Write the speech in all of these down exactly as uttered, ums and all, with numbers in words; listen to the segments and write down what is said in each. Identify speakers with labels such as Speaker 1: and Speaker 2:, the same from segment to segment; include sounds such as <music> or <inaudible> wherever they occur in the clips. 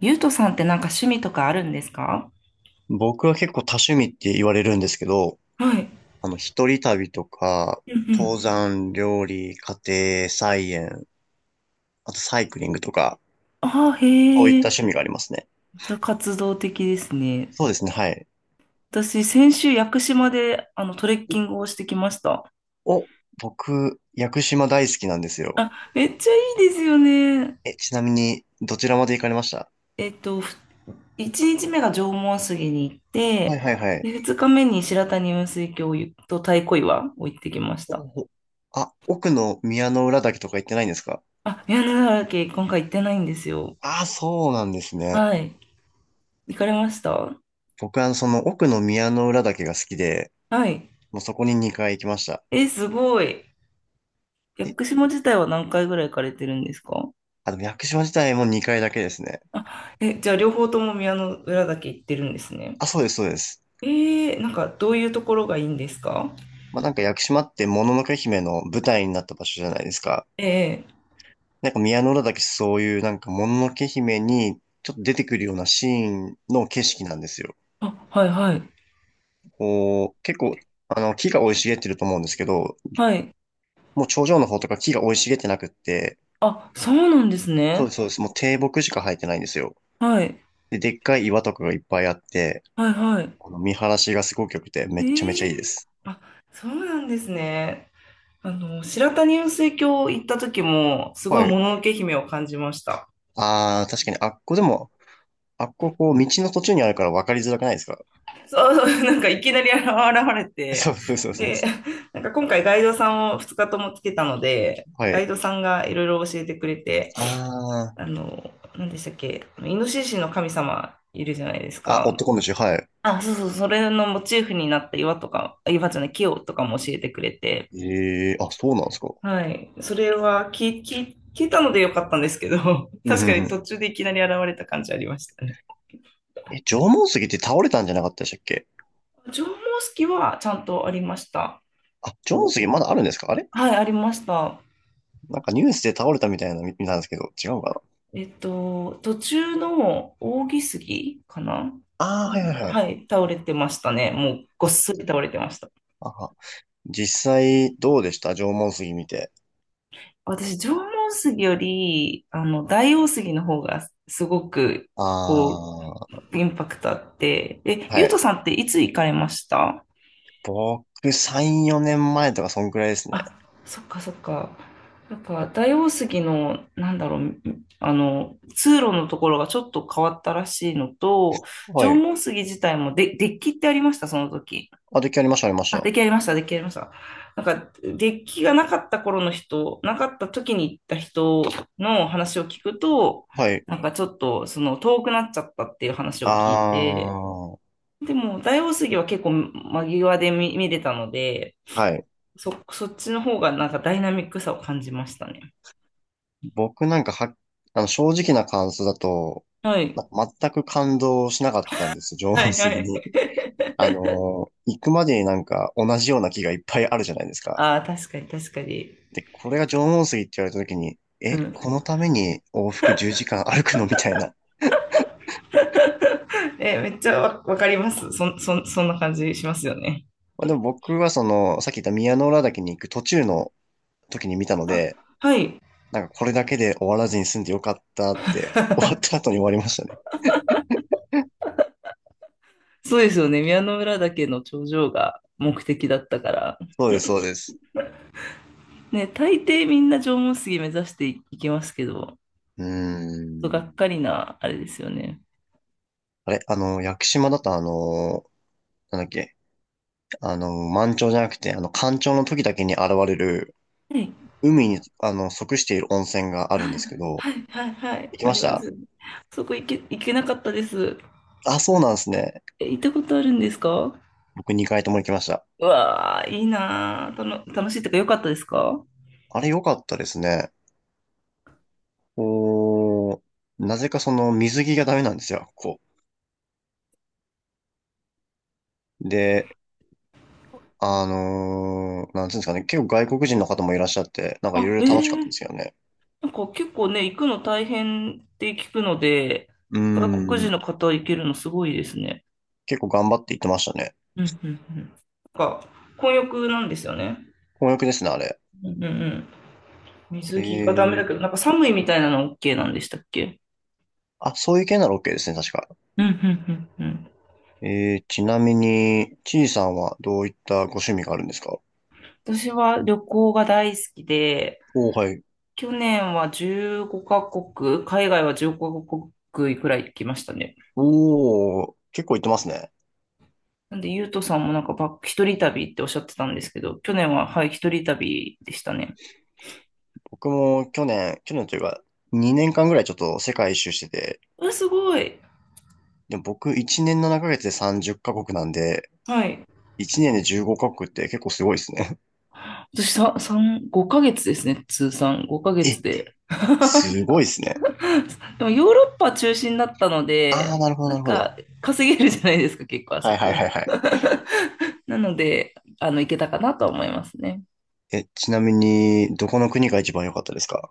Speaker 1: ゆうとさんってなんか趣味とかあるんですか？
Speaker 2: 僕は結構多趣味って言われるんですけど、
Speaker 1: はい。
Speaker 2: あの、一人旅とか、
Speaker 1: うんう
Speaker 2: 登
Speaker 1: ん。
Speaker 2: 山、料理、家庭、菜園、あとサイクリングとか、
Speaker 1: ああ、
Speaker 2: そうい
Speaker 1: へ
Speaker 2: った
Speaker 1: え。
Speaker 2: 趣味がありますね。
Speaker 1: じゃあ活動的ですね。
Speaker 2: そうですね、はい。
Speaker 1: 私、先週、屋久島で、あの、トレッキングをしてきました。
Speaker 2: お、僕、屋久島大好きなんですよ。
Speaker 1: あ、めっちゃいいですよね。
Speaker 2: え、ちなみに、どちらまで行かれました？
Speaker 1: えっと、ふ一日目が縄文杉に行っ
Speaker 2: はい
Speaker 1: て、
Speaker 2: はいはい。
Speaker 1: で、二日目に白谷雲水峡と太鼓岩を行ってきまし
Speaker 2: お
Speaker 1: た。
Speaker 2: おあ、奥の宮之浦岳とか行ってないんですか？
Speaker 1: あ、宮根ヶ岳、今回行ってないんですよ。
Speaker 2: ああ、そうなんですね。
Speaker 1: はい。行かれました？
Speaker 2: 僕はその奥の宮之浦岳が好きで、
Speaker 1: はい。
Speaker 2: もうそこににかい行きました。
Speaker 1: え、すごい。屋
Speaker 2: え、
Speaker 1: 久島自体は何回ぐらい行かれてるんですか？
Speaker 2: あ、でも屋久島自体もにかいだけですね。
Speaker 1: あ、え、じゃあ両方とも宮の浦岳行ってるんですね。
Speaker 2: あ、そうです、そうです。
Speaker 1: えー、なんかどういうところがいいんですか？
Speaker 2: まあ、なんか屋久島ってもののけ姫の舞台になった場所じゃないですか。
Speaker 1: ええ、
Speaker 2: なんか宮之浦岳そういうなんかもののけ姫にちょっと出てくるようなシーンの景色なんですよ。
Speaker 1: あ、はいはい。
Speaker 2: こう、結構、あの、木が生い茂ってると思うんですけど、
Speaker 1: はい。
Speaker 2: もう頂上の方とか木が生い茂ってなくって、
Speaker 1: あ、そうなんです
Speaker 2: そうで
Speaker 1: ね。
Speaker 2: す、そうです。もう低木しか生えてないんですよ。
Speaker 1: はい。
Speaker 2: で、でっかい岩とかがいっぱいあって、
Speaker 1: はいはい。
Speaker 2: この見晴らしがすごく良くてめっちゃめち
Speaker 1: え
Speaker 2: ゃいいで
Speaker 1: え、
Speaker 2: す。
Speaker 1: あ、そうなんですね。あの、白谷雲水峡行った時も、すご
Speaker 2: は
Speaker 1: いも
Speaker 2: い。
Speaker 1: ののけ姫を感じました。
Speaker 2: ああ、確かにあっこでもあっこ、こう、道の途中にあるから分かりづらくないですか？
Speaker 1: そうそう、なんかいきなり現れ
Speaker 2: <laughs>
Speaker 1: て、
Speaker 2: そうそうそうそう、
Speaker 1: で、なんか今回ガイドさんをふつかともつけたので、
Speaker 2: は
Speaker 1: ガイ
Speaker 2: い。
Speaker 1: ドさんがいろいろ教えてくれて、
Speaker 2: あ
Speaker 1: あの、何でしたっけ、イノシシの神様いるじゃないです
Speaker 2: あ、あ、オット
Speaker 1: か。
Speaker 2: コンでしょ？はい。
Speaker 1: あ、そうそう、それのモチーフになった岩とか、あ岩じゃない、木をとかも教えてくれて、
Speaker 2: ええ、あ、そうなんですか。
Speaker 1: はい、それは聞い聞い聞いたのでよかったんですけど、<laughs>
Speaker 2: うんう
Speaker 1: 確
Speaker 2: ん
Speaker 1: か
Speaker 2: う
Speaker 1: に途
Speaker 2: ん。
Speaker 1: 中でいきなり現れた感じありましたね。
Speaker 2: え、縄文杉って倒れたんじゃなかったでしたっけ？
Speaker 1: 縄文式はちゃんとありました。
Speaker 2: あ、縄文
Speaker 1: お、
Speaker 2: 杉まだあるんですか、あれ？
Speaker 1: はい、ありました。
Speaker 2: なんかニュースで倒れたみたいなの見見たんですけど、違うかな？
Speaker 1: えっと、途中の扇杉かな。
Speaker 2: ああー、はいはいはい。
Speaker 1: はい、倒れてましたね。もうごっ
Speaker 2: あ、
Speaker 1: そり倒れてました。
Speaker 2: ああ、実際、どうでした、縄文杉見て。
Speaker 1: 私、縄文杉より、あの、大王杉の方がすごく、
Speaker 2: あ
Speaker 1: こ
Speaker 2: あ、
Speaker 1: う、インパクトあって。え、
Speaker 2: は
Speaker 1: ゆう
Speaker 2: い。
Speaker 1: とさんっていつ行かれました？
Speaker 2: 僕、さん、よねんまえとかそんくらいですね。
Speaker 1: あ、そっかそっか。なんか、大王杉の、なんだろう、あの、通路のところがちょっと変わったらしいのと、
Speaker 2: は
Speaker 1: 縄
Speaker 2: い。
Speaker 1: 文杉自体もで、デッキってありました、その時。
Speaker 2: あ、出来ありました、ありまし
Speaker 1: あ、
Speaker 2: た。
Speaker 1: 出来上がりました、出来上がりました。なんか、デッキがなかった頃の人、なかった時に行った人の話を聞くと、
Speaker 2: はい。
Speaker 1: なんかちょっと、その、遠くなっちゃったっていう話を
Speaker 2: あ
Speaker 1: 聞いて、
Speaker 2: あ、は
Speaker 1: でも、大王杉は結構間際で見、見れたので、
Speaker 2: い。
Speaker 1: そ、そっちの方がなんかダイナミックさを感じましたね。
Speaker 2: 僕なんかは、あの、正直な感想だと、
Speaker 1: はい。
Speaker 2: なんか全く感動しなかったんですよ、<laughs>
Speaker 1: は
Speaker 2: 情
Speaker 1: いは
Speaker 2: 杉
Speaker 1: い。
Speaker 2: に。
Speaker 1: <laughs>
Speaker 2: あのー、行くまでになんか同じような木がいっぱいあるじゃないですか。
Speaker 1: ああ、確かに確かに。
Speaker 2: で、これが縄文杉って言われた時に、
Speaker 1: う
Speaker 2: え、
Speaker 1: ん。
Speaker 2: このために往復じゅうじかん歩くのみたいな。
Speaker 1: <laughs> え、めっちゃわ、わかります。そん、そん、そんな感じしますよね。
Speaker 2: まあ、でも僕はその、さっき言った宮之浦岳に行く途中の時に見たので、
Speaker 1: はい。
Speaker 2: なんかこれだけで終わらずに済んでよかったって、<laughs> 終わっ
Speaker 1: <laughs>
Speaker 2: た後に終わりましたね。
Speaker 1: そうですよね。宮之浦岳の頂上が目的だったから。
Speaker 2: そうです、そうです。
Speaker 1: ね、大抵みんな縄文杉目指していきますけど、ちょ
Speaker 2: うー
Speaker 1: がっ
Speaker 2: ん。
Speaker 1: かりな、あれですよね。
Speaker 2: あれ、あの、屋久島だとあのなんだっけ、あの、満潮じゃなくて、あの、干潮の時だけに現れる、
Speaker 1: はい、
Speaker 2: 海に、あの、即している温泉があるんですけど、
Speaker 1: はい、はい、はい、
Speaker 2: 行き
Speaker 1: あ
Speaker 2: ま
Speaker 1: り
Speaker 2: し
Speaker 1: ま
Speaker 2: た？
Speaker 1: す。そこ行け、行けなかったです。
Speaker 2: あ、そうなんですね。
Speaker 1: え、行ったことあるんですか？
Speaker 2: 僕にかいとも行きました。
Speaker 1: うわー、いいなー。たの、楽しいとか良かったですか？
Speaker 2: あれ良かったですね。おー、なぜかその水着がダメなんですよ、こう。で、あのーなんていうんですかね、結構外国人の方もいらっしゃって、なんかい
Speaker 1: あ、
Speaker 2: ろいろ
Speaker 1: え
Speaker 2: 楽しかったん
Speaker 1: え、
Speaker 2: ですよね。
Speaker 1: なんか結構ね、行くの大変って聞くので、
Speaker 2: うー
Speaker 1: 外国人
Speaker 2: ん、
Speaker 1: の方行けるのすごいですね。
Speaker 2: 結構頑張って行ってましたね。
Speaker 1: うん、うん、うん。なんか、混浴なんですよね。
Speaker 2: 混浴ですね、あれ。
Speaker 1: うんうん。
Speaker 2: え
Speaker 1: 水着がダメだ
Speaker 2: ー、
Speaker 1: けど、なんか寒いみたいなの OK なんでしたっけ？
Speaker 2: あ、そういう系なら OK ですね、確か。
Speaker 1: うんうんうんうん。
Speaker 2: えー、ちなみに、ちいさんはどういったご趣味があるんですか？
Speaker 1: 私は旅行が大好きで、
Speaker 2: おー、はい。
Speaker 1: 去年は15カ国、海外はじゅうごカ国くらい行きましたね。
Speaker 2: おー、結構行ってますね。
Speaker 1: なんで、ゆうとさんもなんかバック、一人旅っておっしゃってたんですけど、去年は、はい、一人旅でしたね。
Speaker 2: 僕も去年、去年というか、にねんかんぐらいちょっと世界一周してて、
Speaker 1: うわ、すごい。
Speaker 2: でも僕いちねんななかげつでさんじゅうカ国なんで、
Speaker 1: はい。
Speaker 2: いちねんでじゅうごカ国って結構すごいですね。
Speaker 1: 私さ、さん、ごかげつですね、通算。5
Speaker 2: <laughs>
Speaker 1: ヶ月
Speaker 2: え、
Speaker 1: で。<laughs>
Speaker 2: すごいですね。
Speaker 1: <laughs> でもヨーロッパ中心だったの
Speaker 2: あ
Speaker 1: で、
Speaker 2: ー、なるほど、
Speaker 1: な
Speaker 2: な
Speaker 1: ん
Speaker 2: るほど。
Speaker 1: か稼げるじゃないですか、結構あ
Speaker 2: は
Speaker 1: そ
Speaker 2: いはい
Speaker 1: こ。
Speaker 2: はいはい。
Speaker 1: <laughs> なので、あの、行けたかなとは思いますね。
Speaker 2: え、ちなみに、どこの国が一番良かったですか？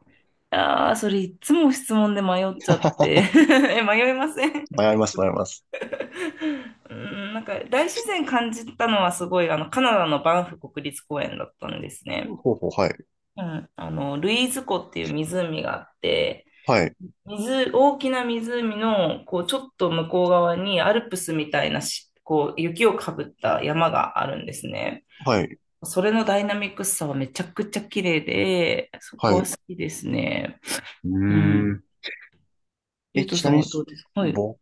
Speaker 1: ああ、それいつも質問で迷っちゃって。<laughs> え、迷いません？
Speaker 2: 迷います、迷います。
Speaker 1: <laughs> うん、なんか大自然感じたのはすごい、あの、カナダのバンフ国立公園だったんです
Speaker 2: ほ
Speaker 1: ね。
Speaker 2: うほう、はい。
Speaker 1: うん、あの、ルイーズ湖っていう湖があって、
Speaker 2: はい、
Speaker 1: 水、大きな湖の、こう、ちょっと向こう側にアルプスみたいなし、こう、雪をかぶった山があるんですね。
Speaker 2: はい、
Speaker 1: それのダイナミックさはめちゃくちゃ綺麗で、そ
Speaker 2: は
Speaker 1: こ
Speaker 2: い。
Speaker 1: は
Speaker 2: う
Speaker 1: 好きですね。
Speaker 2: ー
Speaker 1: うん。
Speaker 2: ん。
Speaker 1: ゆう
Speaker 2: え、
Speaker 1: と
Speaker 2: ち
Speaker 1: さ
Speaker 2: な
Speaker 1: ん
Speaker 2: み
Speaker 1: は
Speaker 2: に、
Speaker 1: どうですか？はい。
Speaker 2: 僕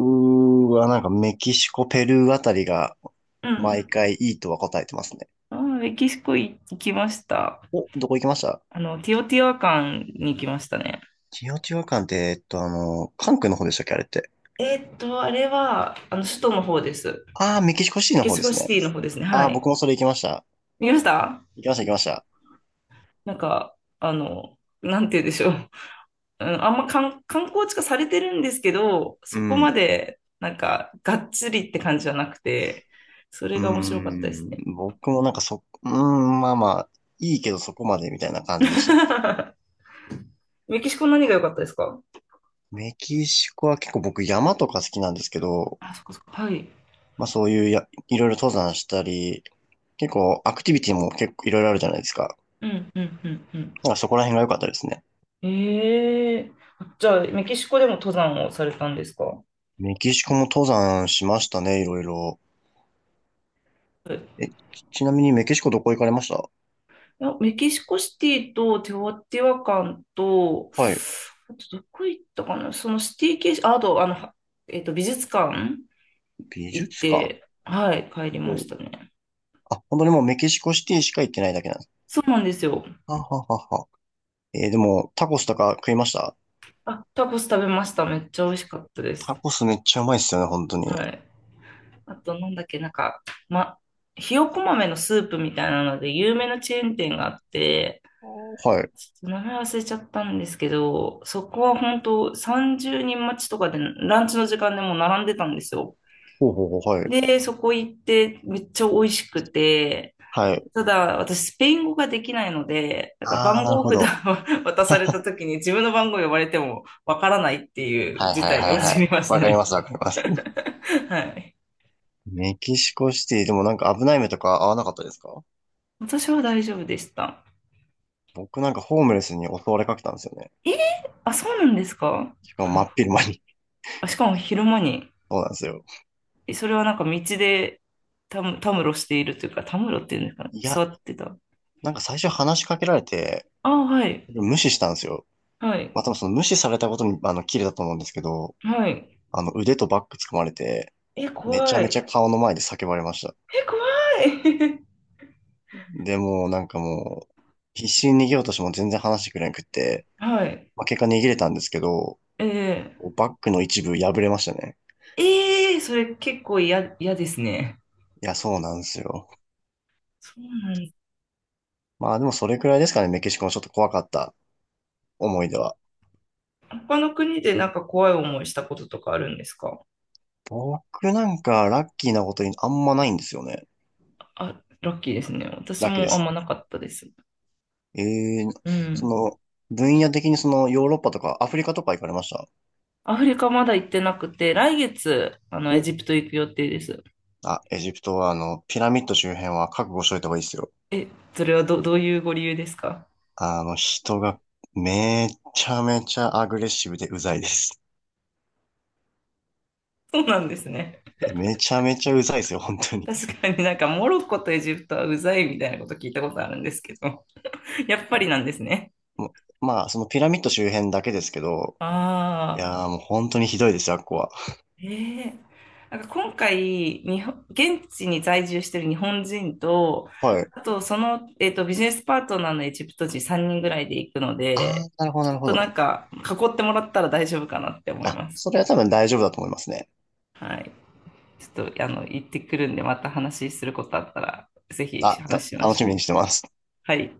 Speaker 2: はなんかメキシコ、ペルーあたりが
Speaker 1: う
Speaker 2: 毎
Speaker 1: ん。
Speaker 2: 回いいとは答えてますね。
Speaker 1: あー、メキシコ行きました。
Speaker 2: お、どこ行きました？
Speaker 1: あの、ティオティワカンに行きましたね。
Speaker 2: チオチワカンって、えっと、あの、関空の方でしたっけ、あれって？
Speaker 1: えーっと、あれは、あの、首都の方です。
Speaker 2: ああ、メキシコシティ
Speaker 1: メ
Speaker 2: の
Speaker 1: キ
Speaker 2: 方
Speaker 1: シ
Speaker 2: で
Speaker 1: コ
Speaker 2: す
Speaker 1: シ
Speaker 2: ね。
Speaker 1: ティの方ですね。
Speaker 2: あ
Speaker 1: は
Speaker 2: あ、
Speaker 1: い。
Speaker 2: 僕もそれ行きました。
Speaker 1: 見ました？
Speaker 2: 行きました、行きました。
Speaker 1: なんか、あの、なんて言うんでしょう。うん、あんま観観光地化されてるんですけど、
Speaker 2: う
Speaker 1: そこ
Speaker 2: ん。
Speaker 1: ま
Speaker 2: う
Speaker 1: でなんかがっつりって感じじゃなくて、それ
Speaker 2: ー
Speaker 1: が面白かったです
Speaker 2: ん。
Speaker 1: ね。
Speaker 2: 僕もなんかそ、うーん、まあまあ、いいけどそこまでみたいな感じでした。
Speaker 1: <laughs> メキシコ何が良かったですか？
Speaker 2: メキシコは結構僕山とか好きなんですけど、
Speaker 1: あ、そっかそっか。はい。
Speaker 2: まあそういうや、いろいろ登山したり、結構、アクティビティも結構いろいろあるじゃないですか。
Speaker 1: うん、うん、うん、うん。
Speaker 2: なんかそこら辺が良かったですね。
Speaker 1: ええ、じゃあ、メキシコでも登山をされたんですか？は
Speaker 2: メキシコも登山しましたね、いろいろ。
Speaker 1: い、
Speaker 2: え、ちちなみにメキシコどこ行かれました？
Speaker 1: いや、メキシコシティとテオティワカンと、
Speaker 2: はい。
Speaker 1: あとどこ行ったかな、そのシティ系、ああと、あの、は、えっと、美術館
Speaker 2: 美
Speaker 1: 行っ
Speaker 2: 術館。
Speaker 1: て、はい、帰りまし
Speaker 2: お、
Speaker 1: たね。
Speaker 2: あ、本当にもうメキシコシティしか行ってないだけなんです。
Speaker 1: そうなんですよ。
Speaker 2: はははは。えーでも、タコスとか食いました？
Speaker 1: あ、タコス食べました。めっちゃ美味しかったで
Speaker 2: タ
Speaker 1: す。
Speaker 2: コスめっちゃうまいっすよね、本当に。
Speaker 1: はい。あと、なんだっけ、なんか、ま、ひよこ豆のスープみたいなので、有名なチェーン店があって、
Speaker 2: はい。
Speaker 1: ちょっと名前忘れちゃったんですけど、そこは本当さんじゅうにん待ちとかで、ランチの時間でもう並んでたんですよ。
Speaker 2: ほうほうほう、はい。
Speaker 1: で、そこ行って、めっちゃ美味しくて、
Speaker 2: はい。
Speaker 1: ただ、私、スペイン語ができないので、なんか
Speaker 2: ああ、
Speaker 1: 番
Speaker 2: なる
Speaker 1: 号
Speaker 2: ほ
Speaker 1: 札を
Speaker 2: ど。
Speaker 1: <laughs> 渡された時に自分の番号呼ばれてもわからないっていう
Speaker 2: はい
Speaker 1: 事
Speaker 2: はい
Speaker 1: 態に
Speaker 2: はいは
Speaker 1: 陥
Speaker 2: い。
Speaker 1: りました
Speaker 2: わかり
Speaker 1: ね。
Speaker 2: ます、わかります。
Speaker 1: <laughs> はい。
Speaker 2: メキシコシティ、でもなんか危ない目とか合わなかったですか？
Speaker 1: 私は大丈夫でした。
Speaker 2: 僕なんかホームレスに襲われかけたんですよね。
Speaker 1: えー、あ、そうなんですか？
Speaker 2: しかも真っ昼間に。
Speaker 1: あ、しかも昼間に、
Speaker 2: <laughs> そうなんですよ。
Speaker 1: えそれはなんか道でたむ、たむろしているというか、たむろっていうんですかね。
Speaker 2: いや、
Speaker 1: 座ってた。
Speaker 2: なんか最初話しかけられて、
Speaker 1: あ、はい。
Speaker 2: 無視したんですよ。
Speaker 1: は
Speaker 2: ま
Speaker 1: い。
Speaker 2: あ、多分その無視されたことに、あの、キレだと思うんですけど、
Speaker 1: はい。
Speaker 2: あの、腕とバッグ掴まれて、
Speaker 1: え、
Speaker 2: めちゃ
Speaker 1: 怖
Speaker 2: めち
Speaker 1: い。
Speaker 2: ゃ顔の前で叫ばれました。
Speaker 1: え、怖い。
Speaker 2: で、もうなんかもう、必死に逃げようとしても全然話してくれなくって、
Speaker 1: <laughs> はい。
Speaker 2: まあ、結果逃げれたんですけど、
Speaker 1: え
Speaker 2: バッグの一部破れましたね。
Speaker 1: ー、えー、それ結構嫌、嫌ですね。
Speaker 2: いや、そうなんですよ。
Speaker 1: そうなんだ。
Speaker 2: まあでもそれくらいですかね、メキシコのちょっと怖かった思い出は。
Speaker 1: 他の国でなんか怖い思いしたこととかあるんですか？
Speaker 2: 僕なんかラッキーなことにあんまないんですよね。
Speaker 1: あ、ラッキーですね。私
Speaker 2: ラッキーで
Speaker 1: もあん
Speaker 2: す。
Speaker 1: まなかったです。
Speaker 2: ええ、
Speaker 1: う
Speaker 2: そ
Speaker 1: ん。
Speaker 2: の、分野的にそのヨーロッパとかアフリカとか行かれました？
Speaker 1: アフリカまだ行ってなくて、来月、あの、エ
Speaker 2: お、
Speaker 1: ジプト行く予定です。
Speaker 2: あ、エジプトはあの、ピラミッド周辺は覚悟しといた方がいいですよ。
Speaker 1: え、それはど、どういうご理由ですか？
Speaker 2: あの、人がめちゃめちゃアグレッシブでうざいです。
Speaker 1: そうなんですね。
Speaker 2: え、めちゃめちゃうざいですよ、本当に。
Speaker 1: 確かになんかモロッコとエジプトはうざいみたいなこと聞いたことあるんですけど、やっぱりなんですね。
Speaker 2: もうまあ、そのピラミッド周辺だけですけど、い
Speaker 1: ああ。
Speaker 2: やーもう本当にひどいですよ、あっこは。
Speaker 1: ええ、なんか今回日本、現地に在住してる日本人と、
Speaker 2: はい。
Speaker 1: あとその、えっと、ビジネスパートナーのエジプト人さんにんぐらいで行くの
Speaker 2: あ
Speaker 1: で、
Speaker 2: ー、なるほど、な
Speaker 1: ちょ
Speaker 2: る
Speaker 1: っ
Speaker 2: ほ
Speaker 1: となん
Speaker 2: ど。
Speaker 1: か囲ってもらったら大丈夫かなって思い
Speaker 2: あ、
Speaker 1: ます。
Speaker 2: それは多分大丈夫だと思いますね。
Speaker 1: はい。ちょっとあの行ってくるんで、また話することあったら、ぜひ
Speaker 2: あ、た、
Speaker 1: 話しま
Speaker 2: 楽
Speaker 1: しょ
Speaker 2: し
Speaker 1: う。
Speaker 2: みにしてます。
Speaker 1: はい。